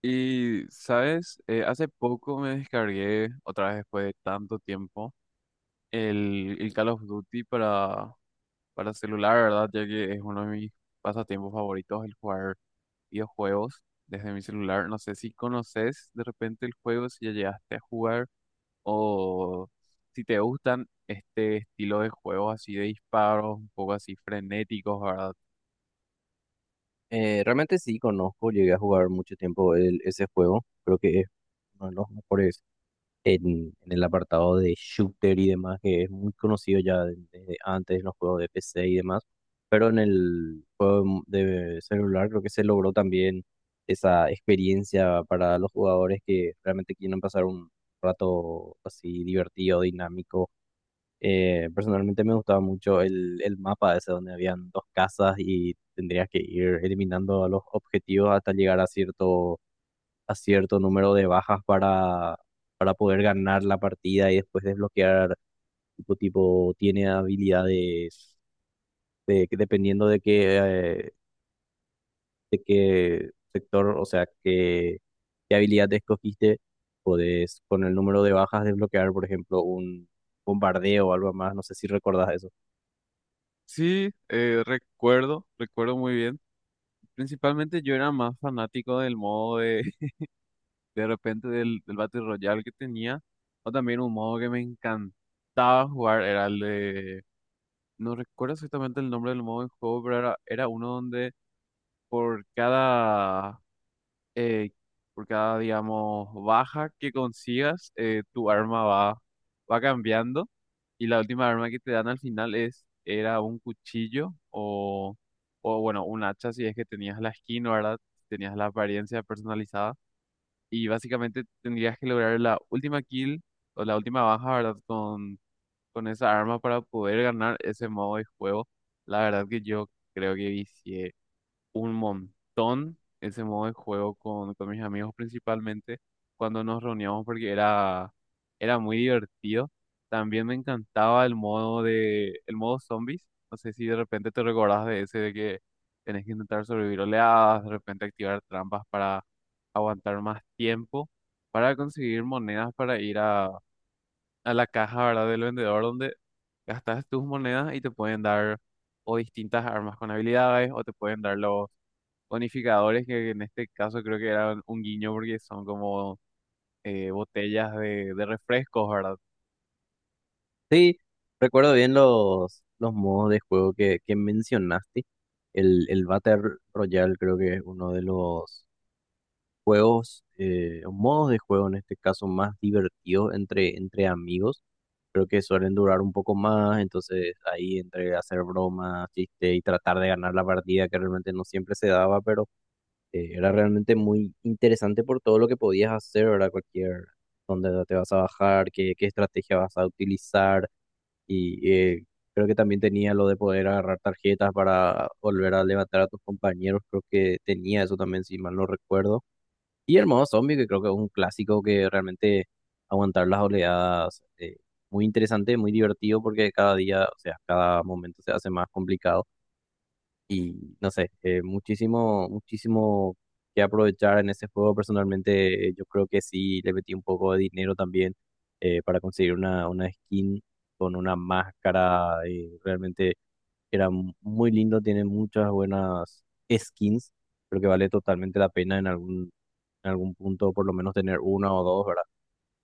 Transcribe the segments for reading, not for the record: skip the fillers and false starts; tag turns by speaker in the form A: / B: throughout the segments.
A: Y, ¿sabes? Hace poco me descargué, otra vez después de tanto tiempo, el Call of Duty para celular, ¿verdad? Ya que es uno de mis pasatiempos favoritos, el jugar videojuegos desde mi celular. No sé si conoces de repente el juego, si ya llegaste a jugar, o si te gustan este estilo de juegos así de disparos, un poco así frenéticos, ¿verdad?
B: Realmente sí conozco, llegué a jugar mucho tiempo ese juego, creo que es uno de los mejores en el apartado de shooter y demás, que es muy conocido ya desde antes en los juegos de PC y demás, pero en el juego de celular creo que se logró también esa experiencia para los jugadores que realmente quieren pasar un rato así divertido, dinámico. Personalmente me gustaba mucho el mapa ese donde habían dos casas y tendrías que ir eliminando a los objetivos hasta llegar a cierto número de bajas para poder ganar la partida y después desbloquear, tipo tiene habilidades de, que dependiendo de qué sector, o sea, qué, qué habilidad escogiste, podés con el número de bajas desbloquear, por ejemplo, un bombardeo o algo más, no sé si recordás eso.
A: Sí, recuerdo muy bien. Principalmente yo era más fanático del modo de, de repente del Battle Royale que tenía, o también un modo que me encantaba jugar, era el de, no recuerdo exactamente el nombre del modo de juego, pero era uno donde por cada eh, por cada, digamos, baja que consigas, tu arma va cambiando. Y la última arma que te dan al final es, era un cuchillo o bueno, un hacha si es que tenías la skin, ¿verdad? Tenías la apariencia personalizada. Y básicamente tendrías que lograr la última kill o la última baja, ¿verdad? Con esa arma para poder ganar ese modo de juego. La verdad que yo creo que vicié un montón ese modo de juego con mis amigos, principalmente cuando nos reuníamos, porque era muy divertido. También me encantaba el modo de, el modo zombies. No sé si de repente te recordás de ese de que tenés que intentar sobrevivir oleadas, de repente activar trampas para aguantar más tiempo, para conseguir monedas para ir a la caja, ¿verdad? Del vendedor donde gastas tus monedas y te pueden dar o distintas armas con habilidades o te pueden dar los bonificadores, que en este caso creo que eran un guiño porque son como botellas de refrescos, ¿verdad?
B: Sí, recuerdo bien los modos de juego que mencionaste. El Battle Royale creo que es uno de los juegos, o modos de juego en este caso más divertidos entre amigos. Creo que suelen durar un poco más, entonces ahí entre hacer bromas, chiste y tratar de ganar la partida que realmente no siempre se daba, pero era realmente muy interesante por todo lo que podías hacer, ¿verdad? Cualquier, dónde te vas a bajar, qué, qué estrategia vas a utilizar y creo que también tenía lo de poder agarrar tarjetas para volver a levantar a tus compañeros. Creo que tenía eso también, si mal no recuerdo. Y el modo zombie, que creo que es un clásico que realmente aguantar las oleadas. Muy interesante, muy divertido porque cada día, o sea, cada momento se hace más complicado. Y no sé, muchísimo, muchísimo que aprovechar en ese juego. Personalmente, yo creo que sí le metí un poco de dinero también para conseguir una skin con una máscara. Realmente era muy lindo, tiene muchas buenas skins. Creo que vale totalmente la pena en algún punto, por lo menos tener una o dos, ¿verdad?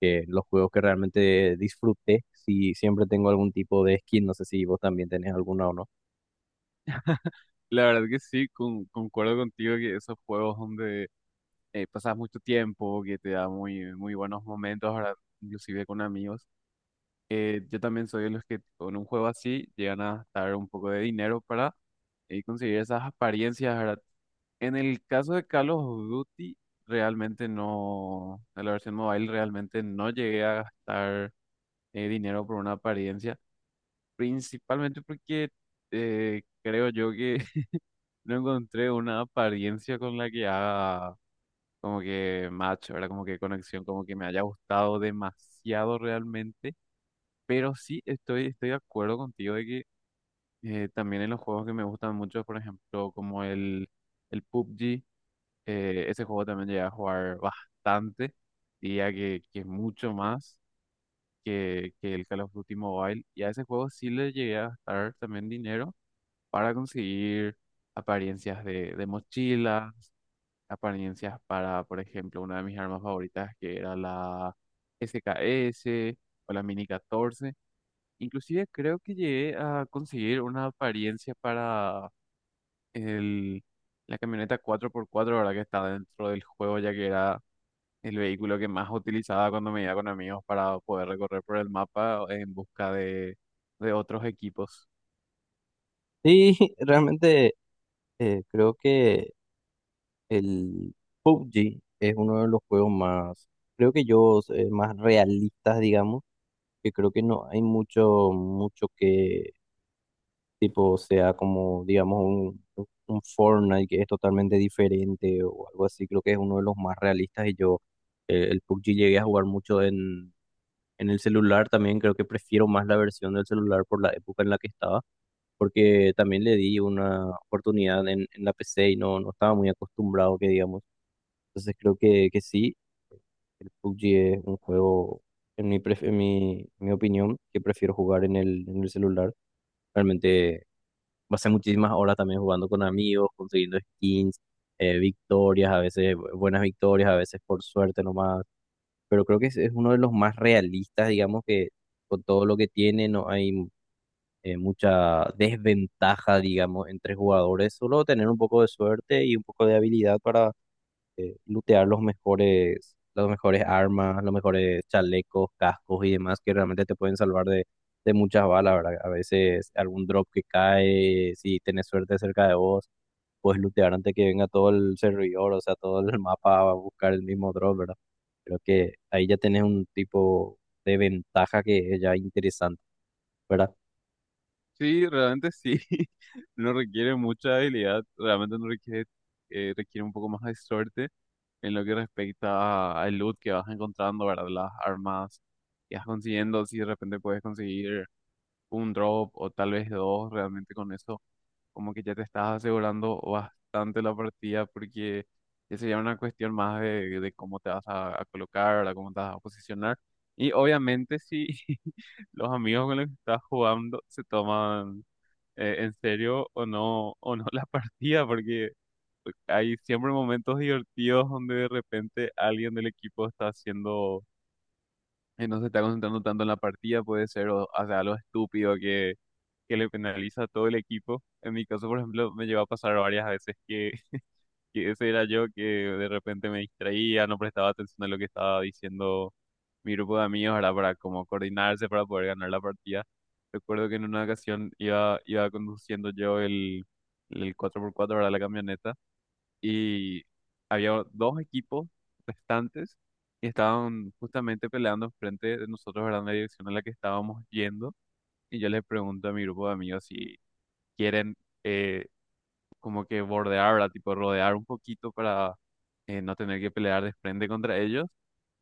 B: Que los juegos que realmente disfruté, si siempre tengo algún tipo de skin, no sé si vos también tenés alguna o no.
A: La verdad que sí, concuerdo contigo que esos juegos donde pasas mucho tiempo, que te da muy buenos momentos, ¿verdad? Inclusive con amigos. Yo también soy de los que con un juego así llegan a gastar un poco de dinero para conseguir esas apariencias, ¿verdad? En el caso de Call of Duty, realmente no, de la versión mobile realmente no llegué a gastar dinero por una apariencia, principalmente porque creo yo que no encontré una apariencia con la que haga como que match, ¿verdad? Como que conexión, como que me haya gustado demasiado realmente, pero sí estoy de acuerdo contigo de que también en los juegos que me gustan mucho, por ejemplo, como el PUBG, ese juego también llegué a jugar bastante, diría que mucho más que el Call of Duty Mobile. Y a ese juego sí le llegué a gastar también dinero para conseguir apariencias de mochilas, apariencias para, por ejemplo, una de mis armas favoritas que era la SKS o la Mini 14. Inclusive creo que llegué a conseguir una apariencia para el, la camioneta cuatro por cuatro ahora que está dentro del juego, ya que era el vehículo que más utilizaba cuando me iba con amigos para poder recorrer por el mapa en busca de otros equipos.
B: Sí, realmente. Creo que el PUBG es uno de los juegos más, creo que yo, más realistas, digamos, que creo que no hay mucho, mucho que tipo sea como, digamos, un Fortnite que es totalmente diferente o algo así, creo que es uno de los más realistas y yo el PUBG llegué a jugar mucho en el celular también, creo que prefiero más la versión del celular por la época en la que estaba porque también le di una oportunidad en la PC y no, no estaba muy acostumbrado, que digamos. Entonces creo que sí, el PUBG es un juego, en mi, en mi, mi opinión, que prefiero jugar en el celular. Realmente pasé muchísimas horas también jugando con amigos, consiguiendo skins, victorias, a veces buenas victorias, a veces por suerte nomás. Pero creo que es uno de los más realistas, digamos, que con todo lo que tiene, no hay mucha desventaja, digamos, entre jugadores, solo tener un poco de suerte y un poco de habilidad para lootear los mejores, las mejores armas, los mejores chalecos, cascos y demás que realmente te pueden salvar de muchas balas, ¿verdad? A veces algún drop que cae, si tenés suerte cerca de vos, puedes lootear antes que venga todo el servidor, o sea, todo el mapa va a buscar el mismo drop, ¿verdad? Creo que ahí ya tenés un tipo de ventaja que es ya interesante. ¿Verdad?
A: Sí, realmente sí. No requiere mucha habilidad, realmente no requiere, requiere un poco más de suerte en lo que respecta al loot que vas encontrando, ¿verdad? Las armas que vas consiguiendo, si de repente puedes conseguir un drop o tal vez dos, realmente con eso como que ya te estás asegurando bastante la partida porque ya sería una cuestión más de cómo te vas a colocar, ¿verdad? Cómo te vas a posicionar. Y obviamente si los amigos con los que estás jugando se toman en serio o no la partida, porque hay siempre momentos divertidos donde de repente alguien del equipo está haciendo, no se está concentrando tanto en la partida, puede ser, o hace algo estúpido que le penaliza a todo el equipo. En mi caso, por ejemplo, me llegó a pasar varias veces que, que ese era yo que de repente me distraía, no prestaba atención a lo que estaba diciendo mi grupo de amigos, ¿verdad? Para como coordinarse para poder ganar la partida. Recuerdo que en una ocasión iba conduciendo yo el cuatro por cuatro, verdad, la camioneta, y había dos equipos restantes y estaban justamente peleando frente de nosotros, ¿verdad? En la dirección en la que estábamos yendo. Y yo les pregunto a mi grupo de amigos si quieren eh, como que bordear, ¿verdad? Tipo rodear un poquito para no tener que pelear de frente contra ellos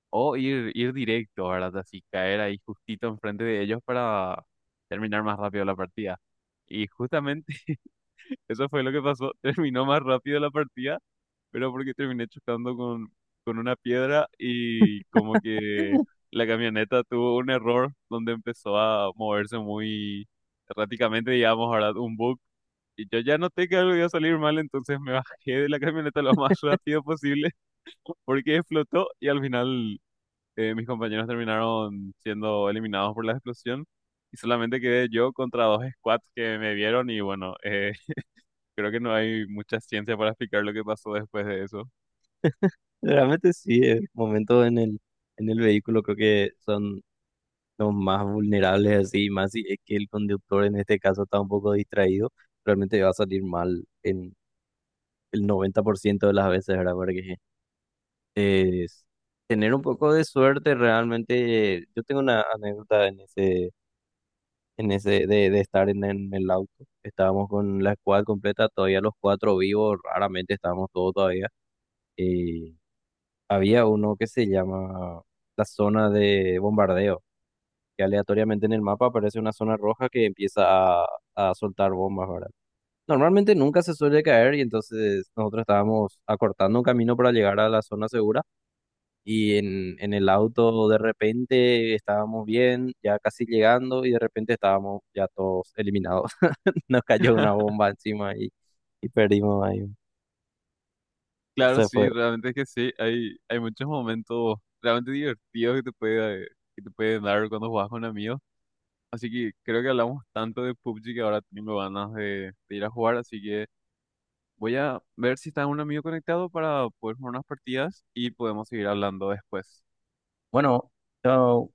A: o ir directo, ¿verdad? Así caer ahí justito enfrente de ellos para terminar más rápido la partida. Y justamente eso fue lo que pasó. Terminó más rápido la partida, pero porque terminé chocando con una piedra y como que la camioneta tuvo un error donde empezó a moverse muy erráticamente, digamos, ¿verdad? Un bug y yo ya noté que algo iba a salir mal, entonces me bajé de la camioneta lo más rápido posible porque explotó y al final mis compañeros terminaron siendo eliminados por la explosión y solamente quedé yo contra dos squads que me vieron y bueno, creo que no hay mucha ciencia para explicar lo que pasó después de eso.
B: Realmente sí, el momento en el vehículo creo que son los más vulnerables así, más si es que el conductor en este caso está un poco distraído, realmente va a salir mal en el 90% de las veces, ¿verdad? Porque es tener un poco de suerte realmente, yo tengo una anécdota en ese, de estar en el auto, estábamos con la squad completa, todavía los cuatro vivos, raramente estábamos todos todavía, eh, había uno que se llama la zona de bombardeo, que aleatoriamente en el mapa aparece una zona roja que empieza a, a soltar bombas, ¿verdad? Normalmente nunca se suele caer y entonces nosotros estábamos acortando un camino para llegar a la zona segura y en el auto de repente estábamos bien, ya casi llegando y de repente estábamos ya todos eliminados. Nos cayó una bomba encima y perdimos ahí.
A: Claro,
B: Eso
A: sí,
B: fue.
A: realmente es que sí, hay muchos momentos realmente divertidos que te puede dar cuando juegas con amigos. Así que creo que hablamos tanto de PUBG que ahora tengo ganas de ir a jugar, así que... Voy a ver si está un amigo conectado para poder jugar unas partidas y podemos seguir hablando después.
B: Bueno, chao.